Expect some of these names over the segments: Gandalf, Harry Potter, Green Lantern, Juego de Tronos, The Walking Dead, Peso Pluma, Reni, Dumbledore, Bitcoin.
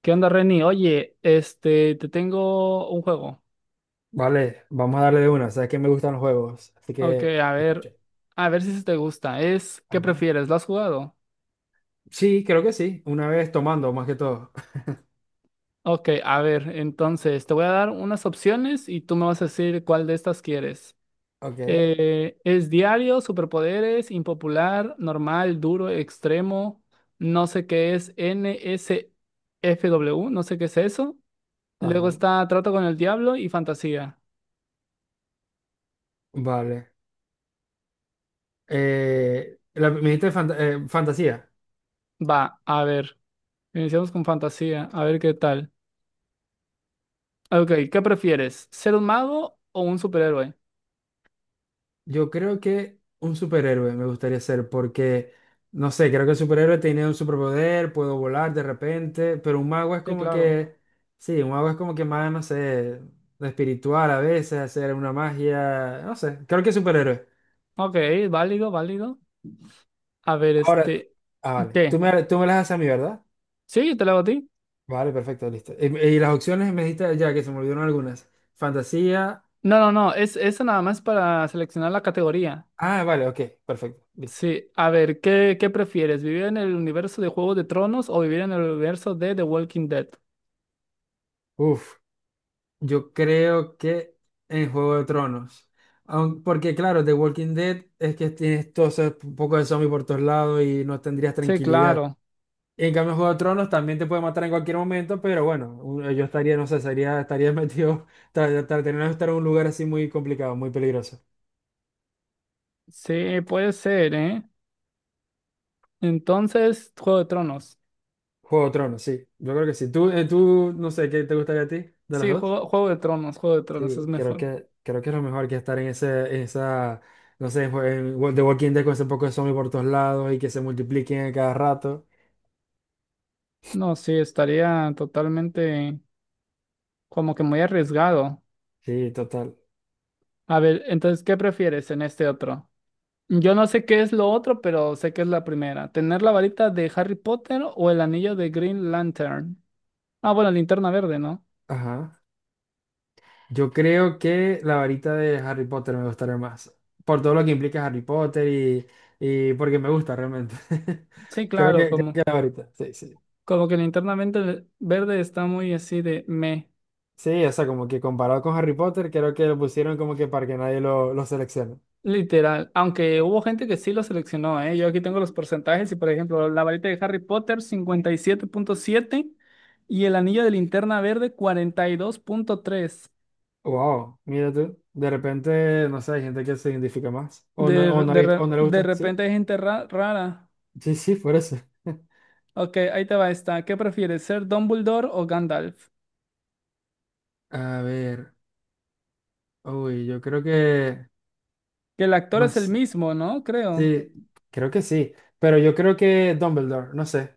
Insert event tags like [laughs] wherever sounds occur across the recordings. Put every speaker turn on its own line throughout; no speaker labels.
¿Qué onda, Reni? Oye, te tengo un juego.
Vale, vamos a darle de una. Sabes que me gustan los juegos, así
Ok,
que escucha.
a ver si se te gusta. ¿Qué
Ajá.
prefieres? ¿Lo has jugado?
Sí, creo que sí. Una vez tomando, más que todo. [laughs]
Ok, a ver, entonces te voy a dar unas opciones y tú me vas a decir cuál de estas quieres.
Ok.
¿Es diario, superpoderes, impopular, normal, duro, extremo? No sé qué es NSFW, no sé qué es eso. Luego
Ajá.
está trato con el diablo y fantasía.
Vale. La, me dijiste fantasía.
Va, a ver, iniciamos con fantasía, a ver qué tal. Ah, ok, ¿qué prefieres? ¿Ser un mago o un superhéroe?
Yo creo que un superhéroe me gustaría ser porque, no sé, creo que el superhéroe tiene un superpoder, puedo volar de repente, pero un mago es
Sí,
como
claro.
que, sí, un mago es como que más, no sé, espiritual a veces, hacer una magia, no sé, creo que superhéroe.
Ok, válido, válido. A ver,
Ahora,
este.
ah, vale. Tú
¿Qué?
me, tú me las haces a mí, ¿verdad?
¿Sí? ¿Te lo hago a ti?
Vale, perfecto, listo. Y las opciones me dijiste ya que se me olvidaron algunas. Fantasía.
No, no, no. Es eso nada más para seleccionar la categoría.
Ah, vale, ok, perfecto, listo.
Sí, a ver, ¿qué prefieres? ¿Vivir en el universo de Juego de Tronos o vivir en el universo de The Walking Dead?
Uf, yo creo que en Juego de Tronos. Porque claro, The Walking Dead es que tienes todo ese poco de zombie por todos lados y no tendrías
Sí,
tranquilidad.
claro.
En cambio, en Juego de Tronos también te puede matar en cualquier momento, pero bueno, yo estaría, no sé, estaría [laughs] metido, tendría que estar en un lugar así muy complicado, muy peligroso.
Sí, puede ser, ¿eh? Entonces, Juego de Tronos.
Juego de Tronos, sí. Yo creo que sí. Tú, tú, no sé, ¿qué te gustaría a ti de las
Sí,
dos?
Juego de Tronos, Juego de Tronos es
Sí, creo
mejor.
que, creo que es lo mejor que estar en ese, en esa, no sé, en The Walking Dead con ese poco de zombies por todos lados y que se multipliquen a cada rato.
No, sí, estaría totalmente como que muy arriesgado.
Sí, total.
A ver, entonces, ¿qué prefieres en este otro? Yo no sé qué es lo otro, pero sé que es la primera. ¿Tener la varita de Harry Potter o el anillo de Green Lantern? Ah, bueno, linterna verde, ¿no?
Ajá. Yo creo que la varita de Harry Potter me gustaría más. Por todo lo que implica Harry Potter y porque me gusta realmente. [laughs]
Sí,
Creo
claro,
que, creo
como,
que la varita, sí, sí.
como que linterna verde, verde está muy así de me,
Sí, o sea, como que comparado con Harry Potter, creo que lo pusieron como que para que nadie lo seleccione.
literal. Aunque hubo gente que sí lo seleccionó, ¿eh? Yo aquí tengo los porcentajes y, por ejemplo, la varita de Harry Potter, 57,7 y el anillo de linterna verde, 42,3.
Wow, mira tú. De repente, no sé, hay gente que se identifica más. O
De,
no, ha
de,
visto- o
re-
no le
de
gusta. Sí,
repente hay gente rara.
sí, sí, por eso. [laughs]
Ok, ahí te va esta. ¿Qué prefieres, ser Dumbledore o Gandalf?
A ver, uy, yo creo que,
Que el actor
no
es el
sé,
mismo, ¿no? Creo.
sí, creo que sí, pero yo creo que Dumbledore, no sé,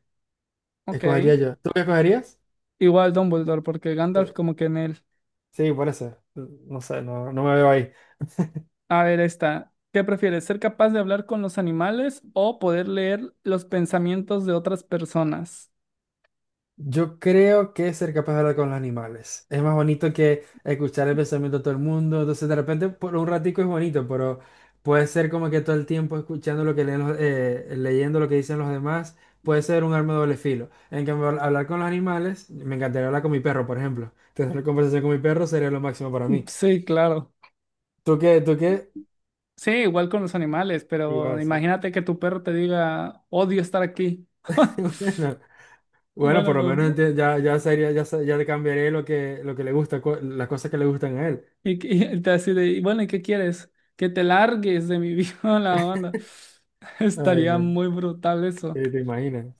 Ok.
escogería yo. ¿Tú qué escogerías?
Igual Dumbledore, porque
Sí,
Gandalf como que en él.
sí, por eso, no sé, no, no me veo ahí.
A ver, esta. ¿Qué prefieres, ser capaz de hablar con los animales o poder leer los pensamientos de otras personas?
Yo creo que ser capaz de hablar con los animales. Es más bonito que escuchar el pensamiento de todo el mundo. Entonces, de repente, por un ratico es bonito, pero puede ser como que todo el tiempo escuchando lo que leyendo lo que dicen los demás, puede ser un arma de doble filo. En cambio, hablar con los animales, me encantaría hablar con mi perro, por ejemplo. [laughs] Tener una conversación con mi perro sería lo máximo para mí.
Sí, claro.
¿Tú qué? ¿Tú qué?
Sí, igual con los animales, pero
Igual, sí.
imagínate que tu perro te diga, odio estar aquí. [laughs]
[laughs] Bueno, bueno,
Bueno,
por lo menos
pues.
ya, ya sería, ya le cambiaré lo que le gusta, las cosas que le gustan a él.
Y él te así de, "Y bueno, ¿y qué quieres? Que te largues de mi vida," [laughs] la onda. [laughs]
Ay,
Estaría
no.
muy brutal eso.
¿Te imaginas?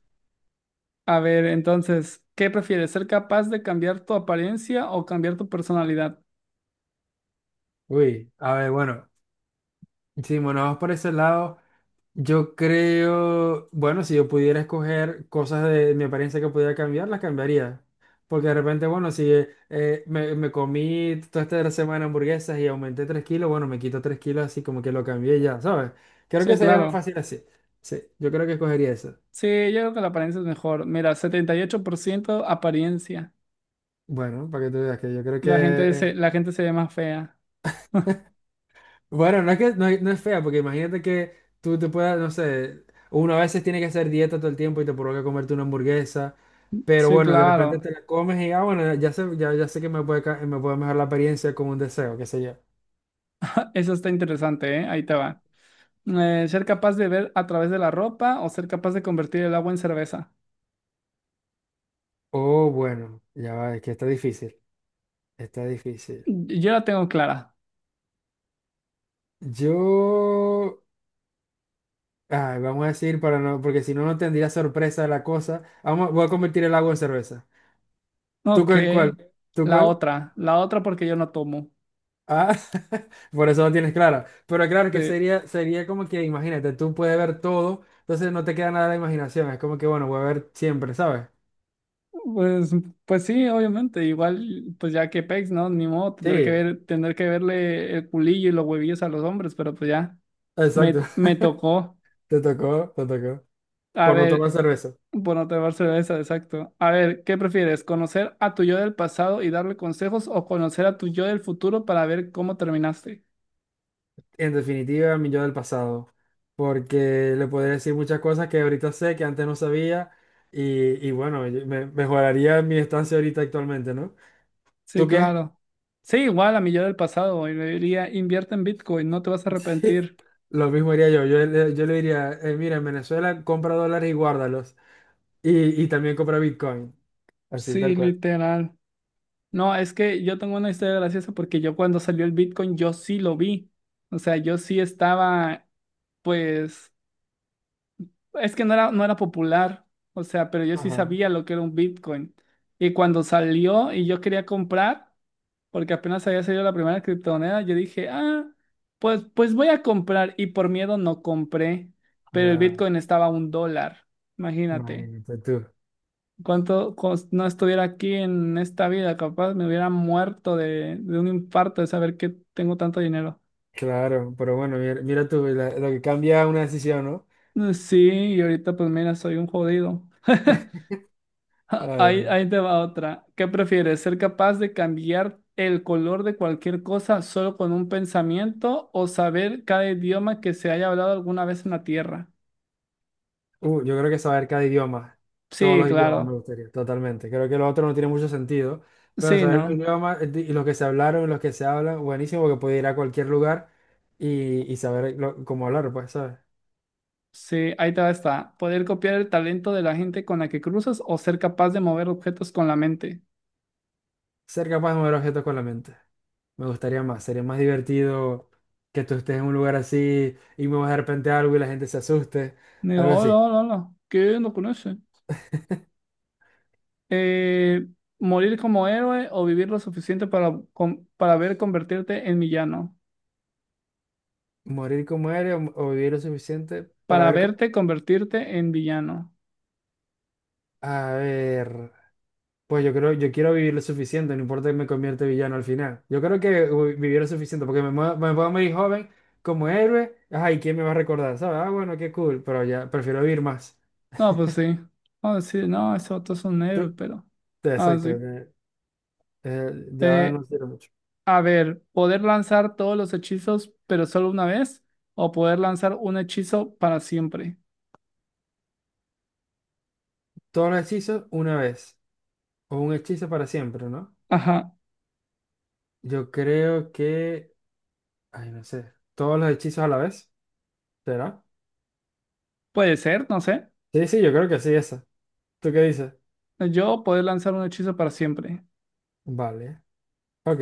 A ver, entonces, ¿qué prefieres? ¿Ser capaz de cambiar tu apariencia o cambiar tu personalidad?
Uy, a ver, bueno, si nos vamos por ese lado, yo creo, bueno, si yo pudiera escoger cosas de mi apariencia que pudiera cambiar, las cambiaría. Porque de repente, bueno, si me comí toda esta semana hamburguesas y aumenté 3 kilos, bueno, me quito 3 kilos así como que lo cambié y ya, ¿sabes? Creo
Sí,
que sería más
claro.
fácil así. Sí, yo creo que escogería eso.
Sí, yo creo que la apariencia es mejor. Mira, 78% apariencia.
Bueno, para que tú veas que yo creo que...
La gente se, la
[laughs]
gente se ve más fea.
Bueno, no es que no es fea, porque imagínate que tú te puedas, no sé, uno a veces tiene que hacer dieta todo el tiempo y te provoca comerte una hamburguesa, pero
Sí,
bueno, de repente
claro.
te la comes y ah, bueno, ya sé, ya, ya sé que me puede, me puede mejorar la experiencia con un deseo, qué sé yo.
Eso está interesante, ¿eh? Ahí te va. ¿Ser capaz de ver a través de la ropa o ser capaz de convertir el agua en cerveza?
Oh, bueno, ya va, es que está difícil, está difícil.
Yo la tengo clara.
Yo, ay, vamos a decir para no, porque si no, no tendría sorpresa la cosa. Vamos, voy a convertir el agua en cerveza. ¿Tú
Ok,
cuál, cuál? ¿Tú
la
cuál?
otra, la otra porque yo no tomo.
Ah, [laughs] por eso no tienes claro. Pero claro
Sí,
que sería, sería como que, imagínate, tú puedes ver todo, entonces no te queda nada de la imaginación. Es como que, bueno, voy a ver siempre, ¿sabes?
Pues, pues sí, obviamente, igual, pues ya que pex, ¿no? Ni modo, tendré que
Sí,
ver, tendré que verle el culillo y los huevillos a los hombres, pero pues ya,
exacto.
me
[laughs]
tocó.
Te tocó, te tocó.
A
Por no tomar
ver,
cerveza.
bueno, tomar cerveza, exacto. A ver, ¿qué prefieres? ¿Conocer a tu yo del pasado y darle consejos o conocer a tu yo del futuro para ver cómo terminaste?
En definitiva, mi yo del pasado. Porque le podría decir muchas cosas que ahorita sé, que antes no sabía. Y bueno, mejoraría mi estancia ahorita actualmente, ¿no? ¿Tú
Sí,
qué?
claro. Sí, igual a mi yo del pasado, y le diría, invierte en Bitcoin, no te vas a
[laughs] Sí,
arrepentir.
lo mismo haría yo. Yo, yo le diría, mira, en Venezuela compra dólares y guárdalos. Y también compra Bitcoin, así tal
Sí,
cual.
literal. No, es que yo tengo una historia graciosa porque yo cuando salió el Bitcoin yo sí lo vi. O sea, yo sí estaba, pues, es que no era popular. O sea, pero yo sí
Ajá.
sabía lo que era un Bitcoin. Y cuando salió y yo quería comprar, porque apenas había salido la primera criptomoneda, yo dije, ah, pues voy a comprar. Y por miedo no compré, pero el
Ya,
Bitcoin estaba a $1, imagínate
imagínate tú.
no estuviera aquí en esta vida, capaz me hubiera muerto de un infarto de saber que tengo tanto dinero.
Claro, pero bueno, mira, mira tú, lo que cambia una decisión, ¿no?
Sí, y ahorita pues mira, soy un jodido. [laughs]
[laughs]
Ja,
Ay,
Ahí,
vale.
ahí te va otra. ¿Qué prefieres? ¿Ser capaz de cambiar el color de cualquier cosa solo con un pensamiento o saber cada idioma que se haya hablado alguna vez en la Tierra?
Yo creo que saber cada idioma, todos
Sí,
los idiomas me
claro.
gustaría, totalmente. Creo que lo otro no tiene mucho sentido, pero
Sí,
saber un
¿no?
idioma y los que se hablaron, los que se hablan, buenísimo, porque puedo ir a cualquier lugar y saber cómo hablar, pues, ¿sabes?
Sí, ahí te va esta. Poder copiar el talento de la gente con la que cruzas o ser capaz de mover objetos con la mente.
Ser capaz de mover objetos con la mente. Me gustaría más, sería más divertido que tú estés en un lugar así y me vas de repente algo y la gente se asuste,
Me dijo,
algo
hola,
así.
hola, hola, ¿qué no conoce? Eh, ¿morir como héroe o vivir lo suficiente para ver convertirte en villano?
Morir como eres o vivir lo suficiente para
Para
ver cómo...
verte convertirte en villano.
A ver, pues yo creo, yo quiero vivir lo suficiente, no importa que me convierta en villano al final. Yo creo que uy, vivir lo suficiente, porque me puedo morir joven como héroe, ay, ¿quién me va a recordar? ¿Sabes? Ah, bueno, qué cool, pero ya prefiero vivir más.
No, pues sí. No, sí, no, ese otro es un héroe,
Tú-
pero... Ah,
Exacto,
sí.
ya
Eh,
no sirve mucho.
a ver, ¿poder lanzar todos los hechizos, pero solo una vez? ¿O poder lanzar un hechizo para siempre?
Todos los hechizos una vez, o un hechizo para siempre, ¿no?
Ajá,
Yo creo que, ay, no sé, todos los hechizos a la vez, ¿será?
puede ser, no sé.
Sí, sí, yo creo que sí, esa. ¿Tú qué dices?
Yo poder lanzar un hechizo para siempre.
Vale, ok.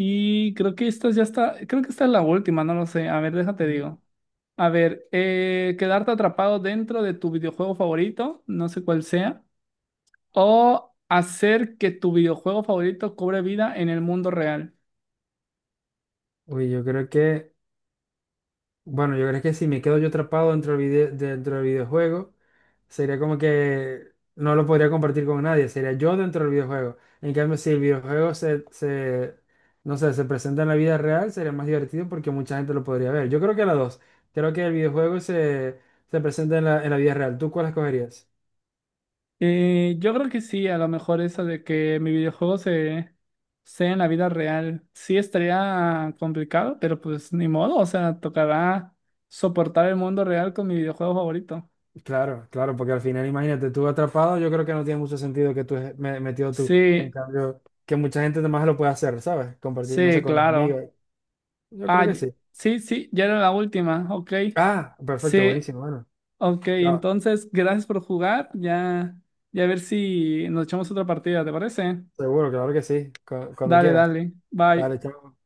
Y creo que esta ya está, creo que esta es la última, no lo sé. A ver, déjate
Ujú.
digo. A ver, quedarte atrapado dentro de tu videojuego favorito, no sé cuál sea, o hacer que tu videojuego favorito cobre vida en el mundo real.
Uy, yo creo que, bueno, yo creo que si me quedo yo atrapado dentro del videojuego, sería como que no lo podría compartir con nadie, sería yo dentro del videojuego. En cambio, si el videojuego se, no sé, se presenta en la vida real, sería más divertido porque mucha gente lo podría ver. Yo creo que las dos. Creo que el videojuego se, se presenta en en la vida real. ¿Tú cuál escogerías?
Yo creo que sí, a lo mejor eso de que mi videojuego se sea en la vida real, sí estaría complicado, pero pues ni modo, o sea, tocará soportar el mundo real con mi videojuego favorito.
Claro, claro, porque al final, imagínate, tú atrapado, yo creo que no tiene mucho sentido que tú metido tú. En
Sí,
cambio, que mucha gente más lo puede hacer, ¿sabes? Compartir, no sé,
sí,
con los
claro.
amigos. Yo
Ah,
creo que sí.
sí, sí, ya era la última, ok.
Ah, perfecto,
Sí,
buenísimo, bueno.
ok,
Ya,
entonces gracias por jugar, ya, ya a ver si nos echamos otra partida, ¿te parece?
seguro, claro que sí. Cuando
Dale,
quieras.
dale, bye.
Dale, chao.